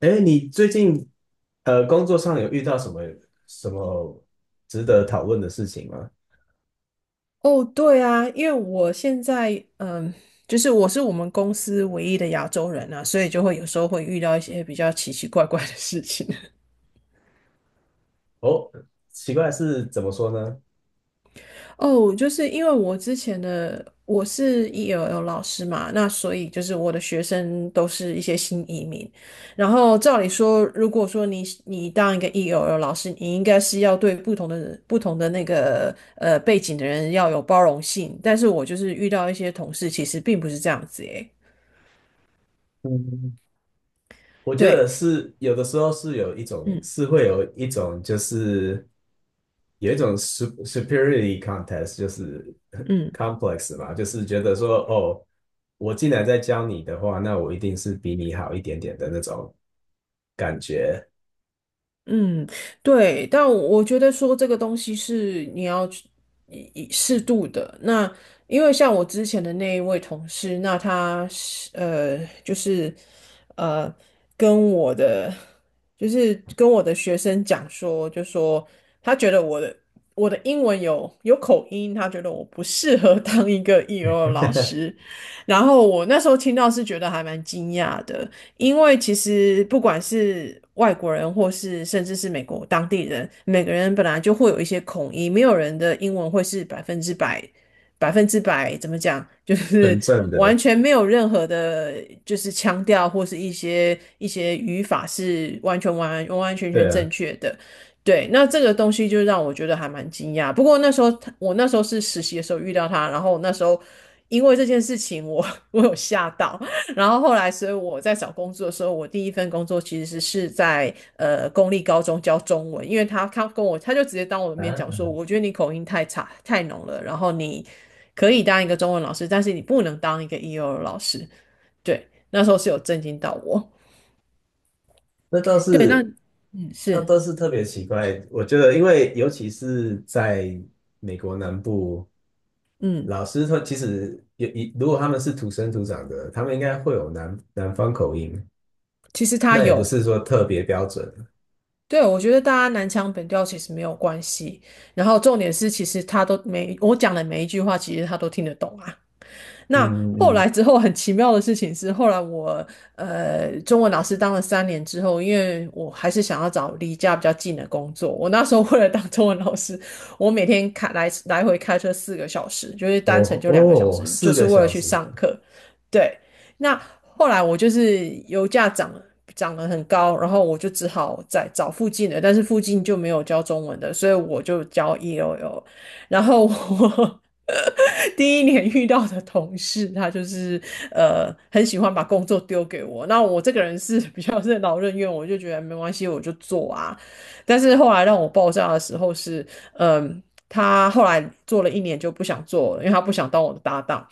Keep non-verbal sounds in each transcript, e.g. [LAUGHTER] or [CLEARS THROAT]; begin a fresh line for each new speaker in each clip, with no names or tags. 哎，你最近工作上有遇到什么什么值得讨论的事情吗？
哦，对啊，因为我现在就是我是我们公司唯一的亚洲人啊，所以就会有时候会遇到一些比较奇奇怪怪的事情。
哦，奇怪是怎么说呢？
[LAUGHS] 哦，就是因为我之前的我是 ELL 老师嘛，那所以就是我的学生都是一些新移民。然后照理说，如果说你当一个 ELL 老师，你应该是要对不同的人、不同的背景的人要有包容性。但是我就是遇到一些同事，其实并不是这样子诶。
嗯，我觉得
对。
有的时候有一种
嗯。
是会有一种有一种 superiority contest，就是 [LAUGHS]
嗯
complex 嘛，就是觉得说哦，我进来再教你的话，那我一定是比你好一点点的那种感觉。
嗯，对，但我觉得说这个东西是你要去以适度的。那因为像我之前的那一位同事，那他是就是呃，跟我的跟我的学生讲说，就说他觉得我的英文有口音，他觉得我不适合 [LAUGHS] 当一个 EL 老
[LAUGHS]
师。然后我那时候听到是觉得还蛮惊讶的。因为其实不管是外国人，或是甚至是美国当地人，每个人本来就会有一些口音，没有人的英文会是百分之百，百分之百怎么讲，[LAUGHS] 就是
纯正
完
的，
全没有任何的，就是腔调或是一些语法是完完全全
对啊。
正确的。对，那这个东西就让我觉得还蛮惊讶。不过那时候是实习的时候遇到他，然后那时候因为这件事情我，[LAUGHS] 我有吓到，然后后来，所以我在找工作的时候，我第一份工作其实是在公立高中教中文，因为他他跟我他就直接当我的
啊，
面讲说，我觉得你口音太差太浓了，然后你可以当一个中文老师，但是你不能当一个 EO 老师。对，那时候是有震惊到我。
那倒
对，那
是，
嗯
那
是
倒是特别奇怪。我觉得，因为尤其是在美国南部，
嗯，
老师他其实也，如果他们是土生土长的，他们应该会有南方口音，
其实他
那也不
有。
是说特别标准。
对，我觉得大家南腔北调其实没有关系，然后重点是，其实他我讲的每一句话，其实他都听得懂啊。那
嗯
后
嗯，
来
嗯。
之后很奇妙的事情是，后来我中文老师当了三年之后，因为我还是想要找离家比较近的工作，我那时候 [LAUGHS] 为了当中文老师，我每天来回开车4个小时，就是单程
哦
就两个小
哦，
时，就
四
是
个
为了
小
去
时
上课。对，那后来我就是油价涨了。涨得很高，然后我就只好在找附近的，但是附近就没有教中文的，所以我就教 ELL。然后我 [LAUGHS] 第一年遇到的同事，他就是很喜欢把工作丢给我。那我这个人是比较任劳任怨，我就觉得没关系，我就做啊。但是后来让我爆炸的时候是，嗯、他后来做了一年就不想做了，因为他不想当我的搭档。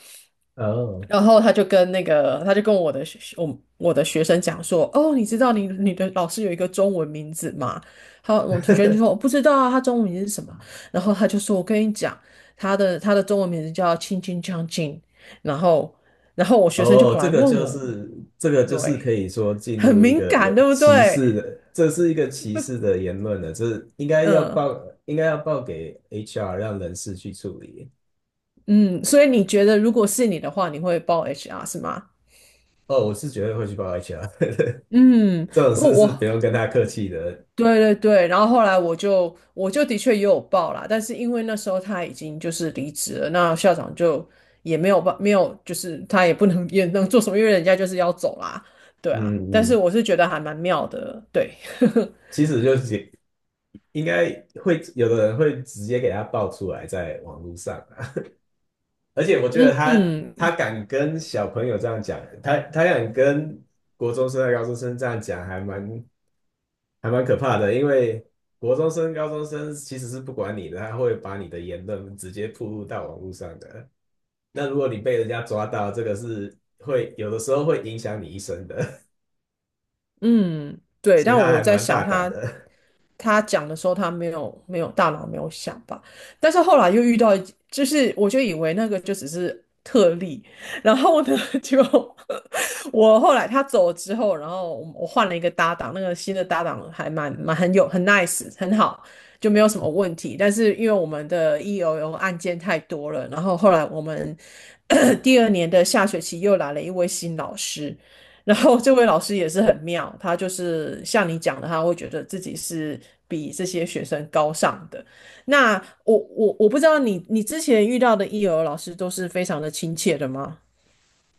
哦。
然后他就跟我我的学生讲说，哦，你知道你的老师有一个中文名字吗？我同学就说
[LAUGHS]
我不知道啊，他中文名字是什么？然后他就说，我跟你讲，他的中文名字叫青青将近。然后然后我学生就
哦，
跑来
这个
问
就
我，
是，这个就是
对，
可以说进
很
入一
敏
个有
感，对不
歧
对？
视的，这是一个歧视的言论了，这应该要
嗯
报，应该要报给 HR，让人事去处理。
嗯，所以你觉得如果是你的话，你会报 HR 是吗？
哦，我是绝对会去报 HR。[LAUGHS]
嗯，
这种
我
事是不
我
用跟他客气的。
对对对，然后后来我就的确也有报啦，但是因为那时候他已经就是离职了，那校长就也没有，就是他也不能 [LAUGHS] 也能做什么，因为人家就是要走啦，对啊，
嗯
但是
嗯，
我是觉得还蛮妙的，对。[LAUGHS]
其实就是应该会有的人会直接给他报出来在网络上啊，而且我觉得
嗯
他，他
嗯
敢跟小朋友这样讲，他敢跟国中生和高中生这样讲，还蛮。还蛮可怕的，因为国中生、高中生其实是不管你的，他会把你的言论直接铺露到网络上的。那如果你被人家抓到，这个是会有的时候会影响你一生的。
嗯，
[LAUGHS]
对，
所以
但
他
我
还
在
蛮
想
大胆
他，
的。
他讲的时候，他没有大脑没有想吧，但是后来又遇到就是我就以为那个就只是特例，然后呢，就 [LAUGHS] 我后来他走了之后，然后我换了一个搭档，那个新的搭档还蛮很 nice 很好，就没有什么问题。但是因为我们的 EOL 案件太多了，然后后来我们 [COUGHS] 第二年的下学期又来了一位新老师，然后这位老师也是很妙，他就是像你讲的，他会觉得自己是比这些学生高尚的。那我不知道你之前遇到的幼儿老师都是非常的亲切的吗？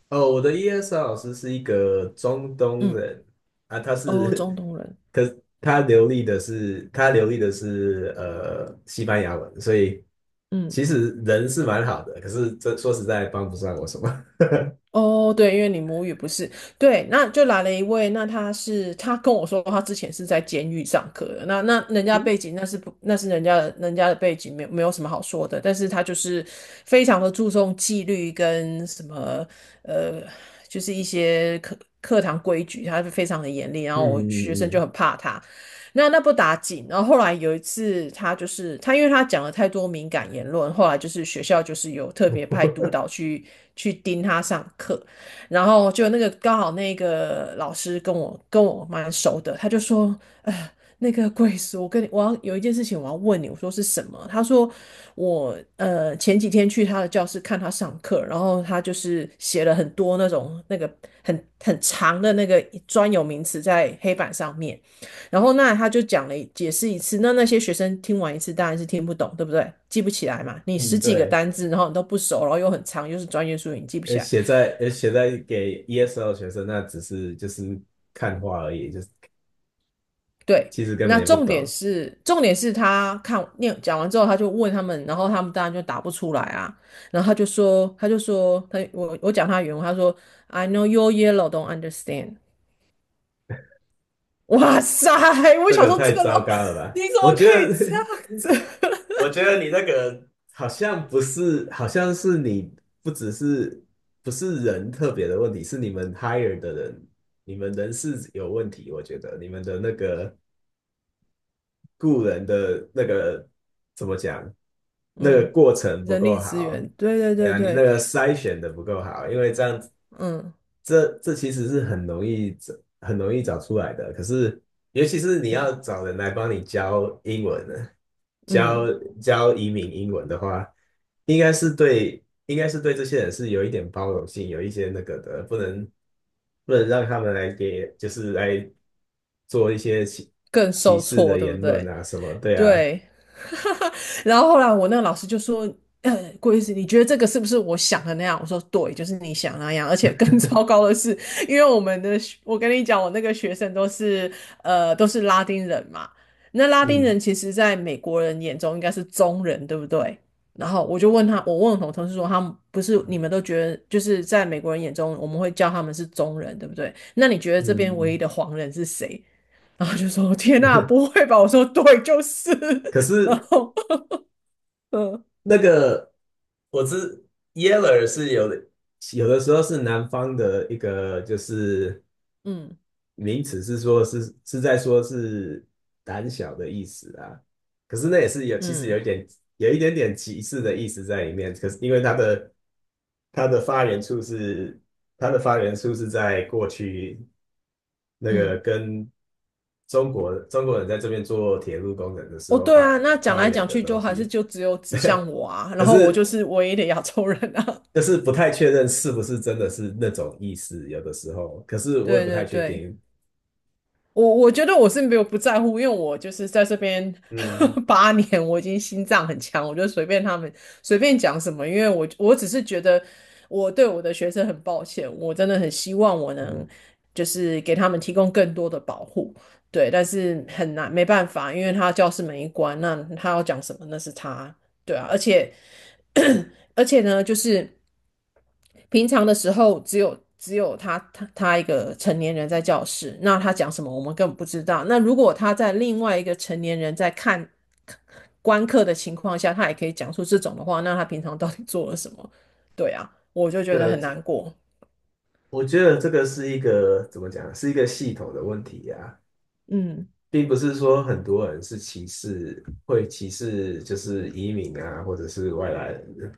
哦，我的 ESL 老师是一个中东
嗯，
人啊，他
哦，中
是，
东人，
[LAUGHS] 可是他流利的是，西班牙文，所以
嗯。
其实人是蛮好的，可是这说实在帮不上我什么。
哦，对，因为你母语不是，对，那就来了一位，那他是他跟我说他之前是在监狱上课的，那人家背景那是不那是人家的背景没有什么好说的，但是他就是非常的注重纪律跟什么呃，就是一些课堂规矩，他是非常的严厉，
[LAUGHS]
然
嗯
后我学生就
嗯
很怕他，那不打紧，然后后来有一次，他就是他，因为他讲了太多敏感言论，后来就是学校就是有特
嗯。
别派督
[LAUGHS]
导去盯他上课，然后就那个刚好那个老师跟我蛮熟的，他就说，呃，那个贵叔，我跟你我要有一件事情我要问你，我说是什么？他说我前几天去他的教室看他上课，然后他就是写了很多那种很长的那个专有名词在黑板上面。然后那他就解释一次，那那些学生听完一次当然是听不懂，对不对？记不起来嘛，你十
嗯，
几个
对，
单字，然后你都不熟，然后又很长，又是专业术语，你记不
呃，
起来。
写在，给 ESL 学生，那只是就是看画而已，就是
对，
其实根
那
本也不
重点
懂。
是重点是他看念讲完之后，他就问他们，然后他们当然就答不出来啊。然后他就说，我讲他的原文，他说 I know your yellow don't understand。哇塞，我
这
想
个
说这
太
个
糟
老
糕了吧？
你怎
我
么
觉
可以
得，
这样
[LAUGHS]
子？
我觉得你那个好像不是，好像是你不只是，不是人特别的问题，是你们 hire 的人，你们人事有问题，我觉得你们的那个雇人的那个怎么讲，
[LAUGHS]
那个
嗯，
过程不
人
够
力资
好。
源，对对
哎
对
呀，你那
对，
个筛选的不够好，因为这样子，
嗯。
这这其实是很容易，找出来的。可是，尤其是你要
嗯
找人来帮你教英文呢，教
嗯，
移民英文的话，应该是对，应该是对这些人是有一点包容性，有一些那个的，不能，让他们来给，就是来做一些歧，
更受
视的
挫，对不
言论
对？
啊什么，对啊。
对。[LAUGHS] 然后后来我那个老师就说："郭医师，你觉得这个是不是我想的那样？"我说："对，就是你想那样。而且更 [LAUGHS] 糟糕的是，因为我们的学我跟你讲，我那个学生都是都是拉丁人嘛。那拉丁
嗯
人其实在美国人眼中应该是中人，对不对？"然后我就问他，我问我同事说，不是你们都觉得，就是在美国人眼中，我们会叫他们是中人，对不对？那你觉得这边唯
嗯，
一的黄人是谁？然后就说天呐，不会吧？我说对，就是。
可
然
是
后，嗯
那个我知， Yeller 是有的，有的时候是南方的一个就是
嗯
名词，是说是，在说是胆小的意思啊，可是那也是有，其实有
嗯
一点，有一点点歧视的意思在里面，可是因为它的，发源处是，在过去那个
嗯，
跟中国，中国人在这边做铁路工程的时
哦，
候
对
发，
啊，那讲来
源
讲
的
去
东
就还是
西，
就只有指向我啊，然
可
后我就
是
是唯一的亚洲人啊。
就是不太确认是不是真的是那种意思，有的时候，可是
[LAUGHS]
我也
对
不太
对
确
对。
定。
我觉得我是没有不在乎，因为我就是在这边
嗯
[LAUGHS] 8年，我已经心脏很强，我就随便他们随便讲什么，因为我只是觉得我对我的学生很抱歉，我真的很希望我
嗯。
能就是给他们提供更多的保护，对，但是很难没办法，因为他教室门一关，那他要讲什么那是他，对啊，而且 [CLEARS THROAT] 而且呢，就是平常的时候只有他一个成年人在教室，那他讲什么我们根本不知道。那如果他在另外一个成年人在观课的情况下，他也可以讲出这种的话，那他平常到底做了什么？对啊，我就觉得很
个。
难过。
我觉得这个是一个怎么讲，是一个系统的问题呀、
嗯
并不是说很多人是歧视，会歧视就是移民啊，或者是外来人。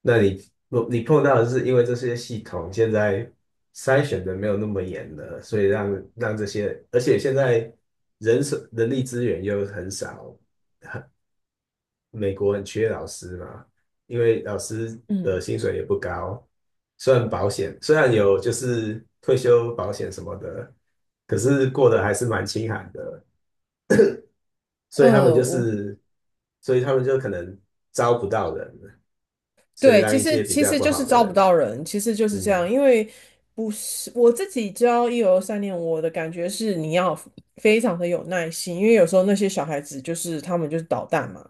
那你，碰到的是因为这些系统现在筛选的没有那么严了，所以让，这些，而且现在人手，人力资源又很少，美国很缺老师嘛，因为老师的
嗯，
薪水也不高，虽然保险，有就是退休保险什么的，可是过得还是蛮清寒的，所以他们
呃，
就
我
是，所以他们就可能招不到人，所以
对，
让
其
一
实
些比
其
较
实
不
就是
好的
招不
人。
到人，其实就是这
嗯
样。因为不是我自己教一二三年，我的感觉是你要非常的有耐心，因为有时候那些小孩子就是他们就是捣蛋嘛，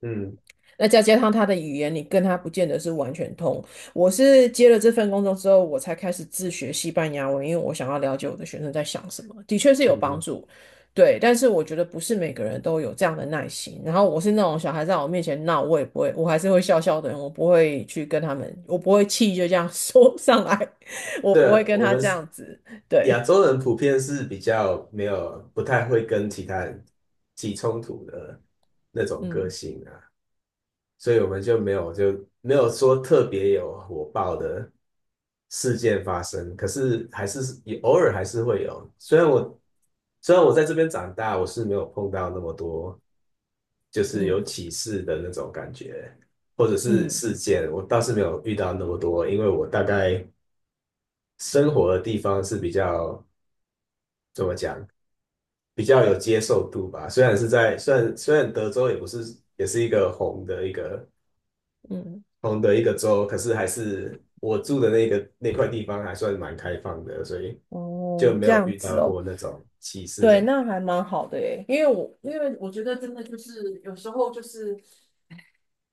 嗯
那再加上他的语言，你跟他不见得是完全通。我是接了这份工作之后，我才开始自学西班牙文，因为我想要了解我的学生在想什么，的确是有帮
嗯，
助。对，但是我觉得不是每个人都有这样的耐心。然后我是那种小孩在我面前闹，我也不会，我还是会笑笑的人，我不会去跟他们，我不会气就这样 [LAUGHS] 说上来，[LAUGHS] 我不
对，
会跟
我
他
们
这
是
样子。对，
亚洲人普遍是比较没有不太会跟其他人起冲突的那种个
嗯
性啊。所以我们就没有，说特别有火爆的事件发生，可是还是也偶尔还是会有。虽然我，在这边长大，我是没有碰到那么多就是有
嗯
歧视的那种感觉，或者是
嗯
事件，我倒是没有遇到那么多，因为我大概生活的地方是比较怎么讲，比较有接受度吧。虽然是在，德州也不是，也是一个红的一个
嗯，
同的一个州，可是还是我住的那个那块地方还算蛮开放的，所以就
哦，
没
这
有
样
遇到
子哦。
过那种歧视的
对，
人。
那还蛮好的诶，因为我觉得真的就是有时候就是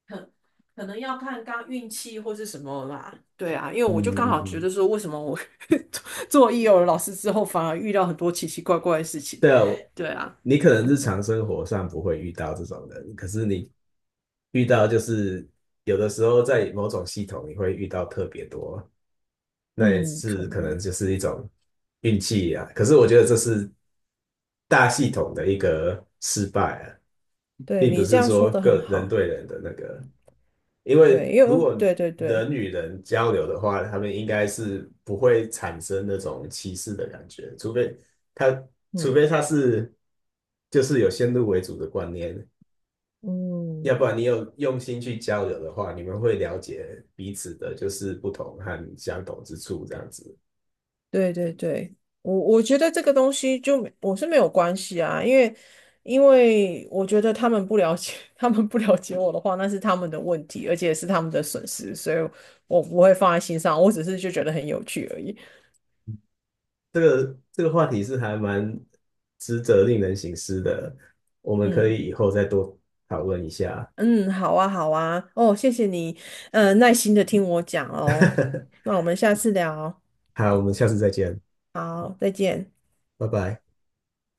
很可能要看刚运气或是什么啦。对啊，因为
嗯
我就刚
嗯
好觉
嗯，
得说，为什么我 [LAUGHS] 做一友老师之后，反而遇到很多奇奇怪怪的事情。
对啊，我，
对啊，
你可能日常生活上不会遇到这种人，可是你遇到就是，有的时候在某种系统你会遇到特别多，那也
嗯，可
是可能
能。
就是一种运气啊。可是我觉得这是大系统的一个失败啊，
对
并不
你这
是
样说
说
的很
个人
好。
对人的那个。因为
对，因
如
为
果
对对对，
人与人交流的话，他们应该是不会产生那种歧视的感觉，除非他，除
嗯
非他是就是有先入为主的观念，
嗯，
要不然你有用心去交流的话，你们会了解彼此的就是不同和相同之处，这样子。
对对对，我觉得这个东西就没我是没有关系啊，因为我觉得他们不了解，[LAUGHS] 他们不了解我的话，那是他们的问题，而且是他们的损失，所以我不会放在心上，我只是就觉得很有趣而已。
这个，这个话题是还蛮值得令人省思的，我们可
嗯
以以后再多讨论一下。
嗯，好啊好啊，哦，谢谢你，耐心的听我讲哦，
[LAUGHS]
那我们下次聊，
好，我们下次再见，
好，再见。
拜拜。